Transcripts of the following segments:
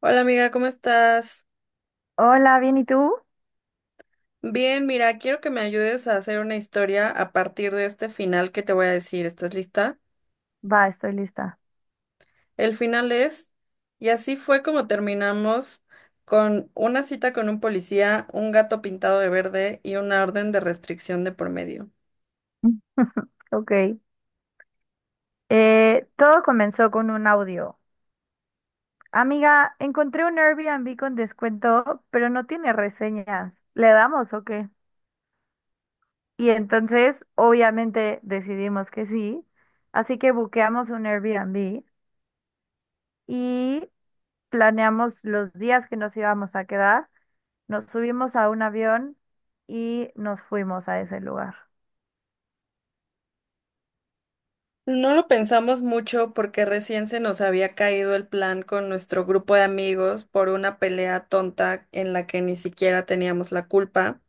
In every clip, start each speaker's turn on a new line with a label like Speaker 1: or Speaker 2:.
Speaker 1: Hola amiga, ¿cómo estás?
Speaker 2: Hola, bien, ¿y tú?
Speaker 1: Bien, mira, quiero que me ayudes a hacer una historia a partir de este final que te voy a decir. ¿Estás lista?
Speaker 2: Va, estoy lista.
Speaker 1: El final es, y así fue como terminamos con una cita con un policía, un gato pintado de verde y una orden de restricción de por medio.
Speaker 2: Ok. Todo comenzó con un audio. Amiga, encontré un Airbnb con descuento, pero no tiene reseñas. ¿Le damos o qué? Y entonces, obviamente, decidimos que sí. Así que buqueamos un Airbnb y planeamos los días que nos íbamos a quedar. Nos subimos a un avión y nos fuimos a ese lugar.
Speaker 1: No lo pensamos mucho porque recién se nos había caído el plan con nuestro grupo de amigos por una pelea tonta en la que ni siquiera teníamos la culpa.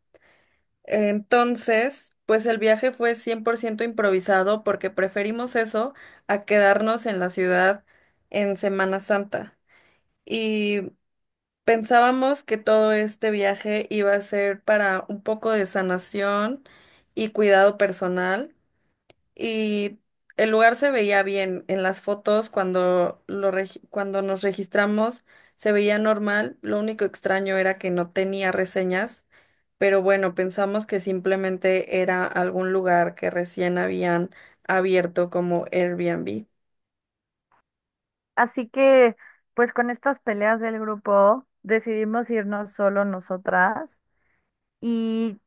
Speaker 1: Entonces, pues el viaje fue 100% improvisado porque preferimos eso a quedarnos en la ciudad en Semana Santa. Y pensábamos que todo este viaje iba a ser para un poco de sanación y cuidado personal, y el lugar se veía bien. En las fotos, cuando, cuando nos registramos, se veía normal. Lo único extraño era que no tenía reseñas, pero bueno, pensamos que simplemente era algún lugar que recién habían abierto como Airbnb.
Speaker 2: Así que, pues con estas peleas del grupo, decidimos irnos solo nosotras y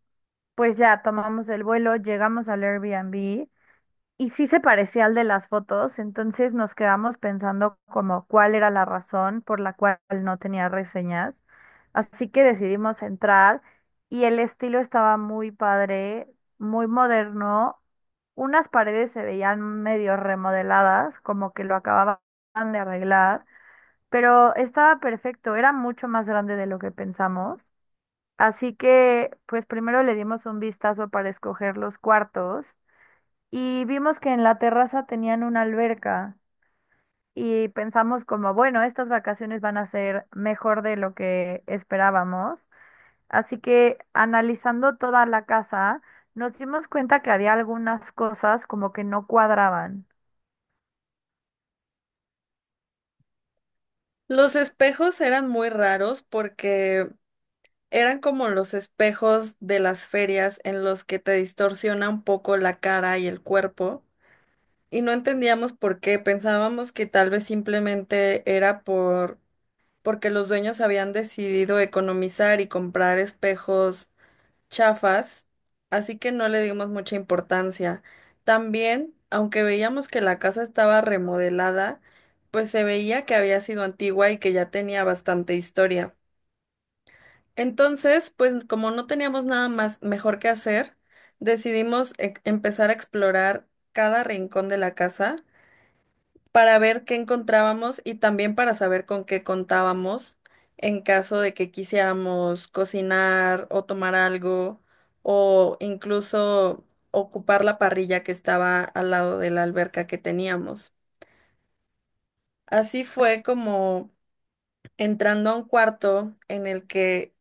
Speaker 2: pues ya tomamos el vuelo, llegamos al Airbnb y sí se parecía al de las fotos, entonces nos quedamos pensando como cuál era la razón por la cual no tenía reseñas. Así que decidimos entrar y el estilo estaba muy padre, muy moderno. Unas paredes se veían medio remodeladas, como que lo acababan de arreglar, pero estaba perfecto, era mucho más grande de lo que pensamos. Así que, pues primero le dimos un vistazo para escoger los cuartos y vimos que en la terraza tenían una alberca y pensamos como, bueno, estas vacaciones van a ser mejor de lo que esperábamos. Así que analizando toda la casa, nos dimos cuenta que había algunas cosas como que no cuadraban.
Speaker 1: Los espejos eran muy raros porque eran como los espejos de las ferias en los que te distorsiona un poco la cara y el cuerpo, y no entendíamos por qué. Pensábamos que tal vez simplemente era porque los dueños habían decidido economizar y comprar espejos chafas, así que no le dimos mucha importancia. También, aunque veíamos que la casa estaba remodelada, pues se veía que había sido antigua y que ya tenía bastante historia. Entonces, pues como no teníamos nada más mejor que hacer, decidimos empezar a explorar cada rincón de la casa para ver qué encontrábamos y también para saber con qué contábamos en caso de que quisiéramos cocinar o tomar algo o incluso ocupar la parrilla que estaba al lado de la alberca que teníamos. Así fue como, entrando a un cuarto en el que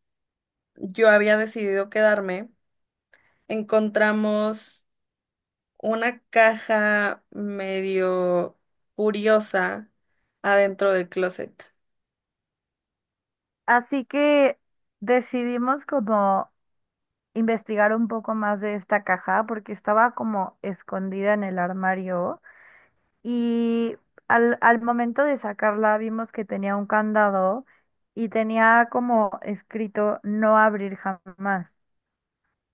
Speaker 1: yo había decidido quedarme, encontramos una caja medio curiosa adentro del closet.
Speaker 2: Así que decidimos como investigar un poco más de esta caja porque estaba como escondida en el armario y al momento de sacarla vimos que tenía un candado y tenía como escrito no abrir jamás.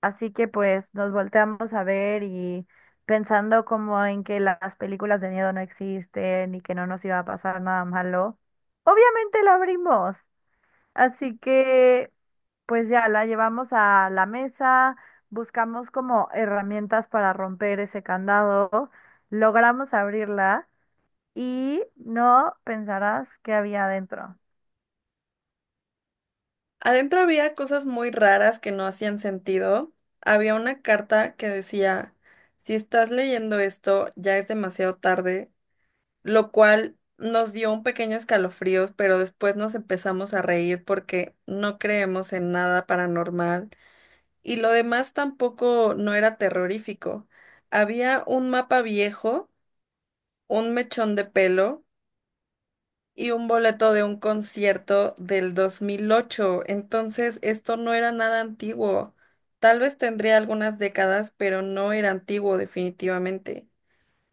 Speaker 2: Así que pues nos volteamos a ver y pensando como en que las películas de miedo no existen y que no nos iba a pasar nada malo, obviamente la abrimos. Así que, pues ya la llevamos a la mesa, buscamos como herramientas para romper ese candado, logramos abrirla y no pensarás qué había adentro.
Speaker 1: Adentro había cosas muy raras que no hacían sentido. Había una carta que decía, si estás leyendo esto, ya es demasiado tarde, lo cual nos dio un pequeño escalofríos, pero después nos empezamos a reír porque no creemos en nada paranormal y lo demás tampoco no era terrorífico. Había un mapa viejo, un mechón de pelo y un boleto de un concierto del 2008. Entonces, esto no era nada antiguo. Tal vez tendría algunas décadas, pero no era antiguo definitivamente.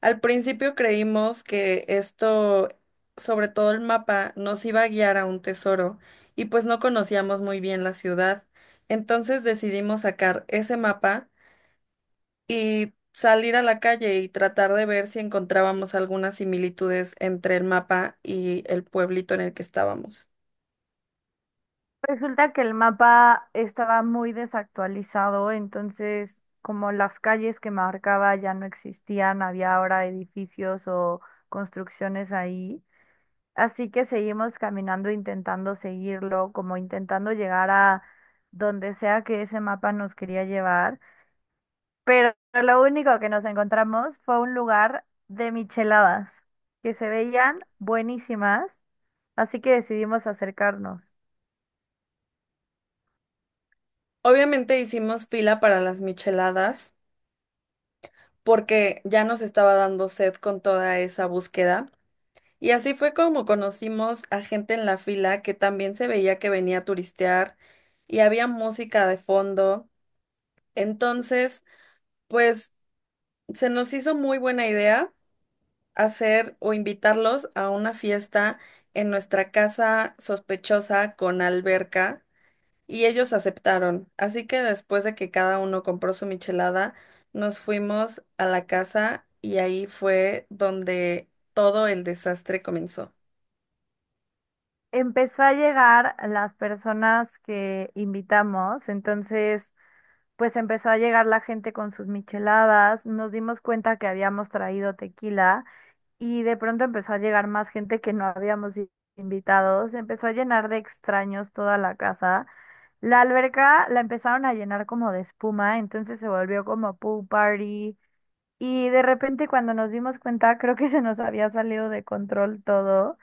Speaker 1: Al principio creímos que esto, sobre todo el mapa, nos iba a guiar a un tesoro, y pues no conocíamos muy bien la ciudad. Entonces decidimos sacar ese mapa y salir a la calle y tratar de ver si encontrábamos algunas similitudes entre el mapa y el pueblito en el que estábamos.
Speaker 2: Resulta que el mapa estaba muy desactualizado, entonces como las calles que marcaba ya no existían, había ahora edificios o construcciones ahí. Así que seguimos caminando, intentando seguirlo, como intentando llegar a donde sea que ese mapa nos quería llevar. Pero lo único que nos encontramos fue un lugar de micheladas, que se veían buenísimas, así que decidimos acercarnos.
Speaker 1: Obviamente hicimos fila para las micheladas porque ya nos estaba dando sed con toda esa búsqueda. Y así fue como conocimos a gente en la fila que también se veía que venía a turistear y había música de fondo. Entonces, pues se nos hizo muy buena idea hacer o invitarlos a una fiesta en nuestra casa sospechosa con alberca y ellos aceptaron. Así que después de que cada uno compró su michelada, nos fuimos a la casa y ahí fue donde todo el desastre comenzó.
Speaker 2: Empezó a llegar las personas que invitamos, entonces pues empezó a llegar la gente con sus micheladas, nos dimos cuenta que habíamos traído tequila. Y de pronto empezó a llegar más gente que no habíamos invitado. Se empezó a llenar de extraños toda la casa. La alberca la empezaron a llenar como de espuma, entonces se volvió como pool party. Y de repente cuando nos dimos cuenta, creo que se nos había salido de control todo.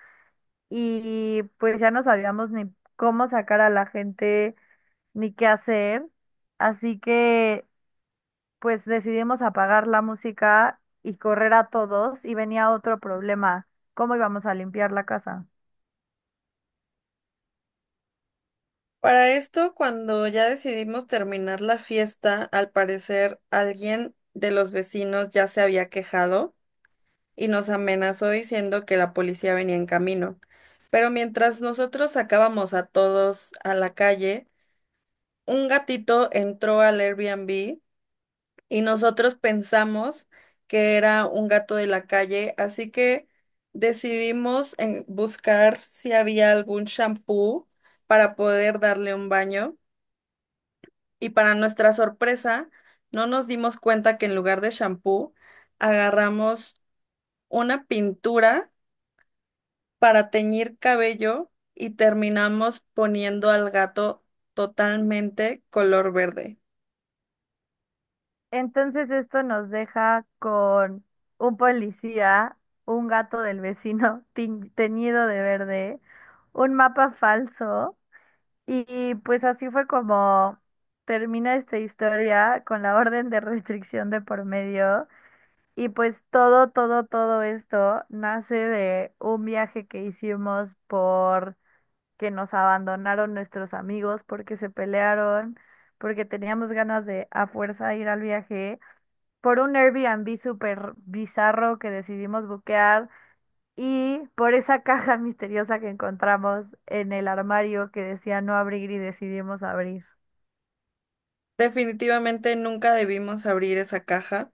Speaker 2: Y pues ya no sabíamos ni cómo sacar a la gente, ni qué hacer. Así que pues decidimos apagar la música y correr a todos y venía otro problema, ¿cómo íbamos a limpiar la casa?
Speaker 1: Para esto, cuando ya decidimos terminar la fiesta, al parecer alguien de los vecinos ya se había quejado y nos amenazó diciendo que la policía venía en camino. Pero mientras nosotros sacábamos a todos a la calle, un gatito entró al Airbnb y nosotros pensamos que era un gato de la calle, así que decidimos buscar si había algún shampoo para poder darle un baño y, para nuestra sorpresa, no nos dimos cuenta que en lugar de shampoo agarramos una pintura para teñir cabello y terminamos poniendo al gato totalmente color verde.
Speaker 2: Entonces esto nos deja con un policía, un gato del vecino teñido de verde, un mapa falso y pues así fue como termina esta historia con la orden de restricción de por medio. Y pues todo, todo, todo esto nace de un viaje que hicimos por que nos abandonaron nuestros amigos porque se pelearon, porque teníamos ganas de a fuerza ir al viaje, por un Airbnb súper bizarro que decidimos buquear y por esa caja misteriosa que encontramos en el armario que decía no abrir y decidimos abrir.
Speaker 1: Definitivamente nunca debimos abrir esa caja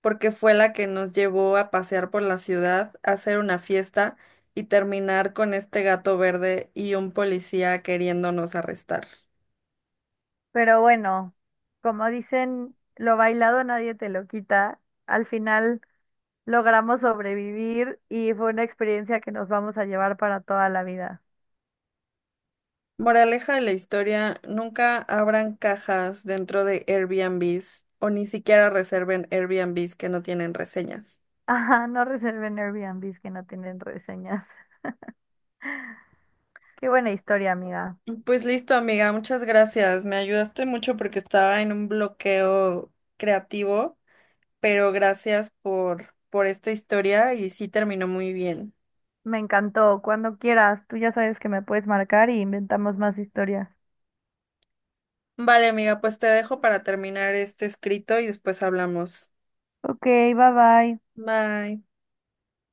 Speaker 1: porque fue la que nos llevó a pasear por la ciudad, a hacer una fiesta y terminar con este gato verde y un policía queriéndonos arrestar.
Speaker 2: Pero bueno, como dicen, lo bailado nadie te lo quita. Al final logramos sobrevivir y fue una experiencia que nos vamos a llevar para toda la vida.
Speaker 1: Moraleja de la historia, nunca abran cajas dentro de Airbnbs o ni siquiera reserven Airbnbs que no tienen reseñas.
Speaker 2: Ajá, no reserven Airbnbs que no tienen reseñas. Qué buena historia, amiga.
Speaker 1: Pues listo, amiga, muchas gracias. Me ayudaste mucho porque estaba en un bloqueo creativo, pero gracias por esta historia y sí terminó muy bien.
Speaker 2: Me encantó. Cuando quieras, tú ya sabes que me puedes marcar y inventamos más historias.
Speaker 1: Vale, amiga, pues te dejo para terminar este escrito y después hablamos.
Speaker 2: Ok, bye bye.
Speaker 1: Bye.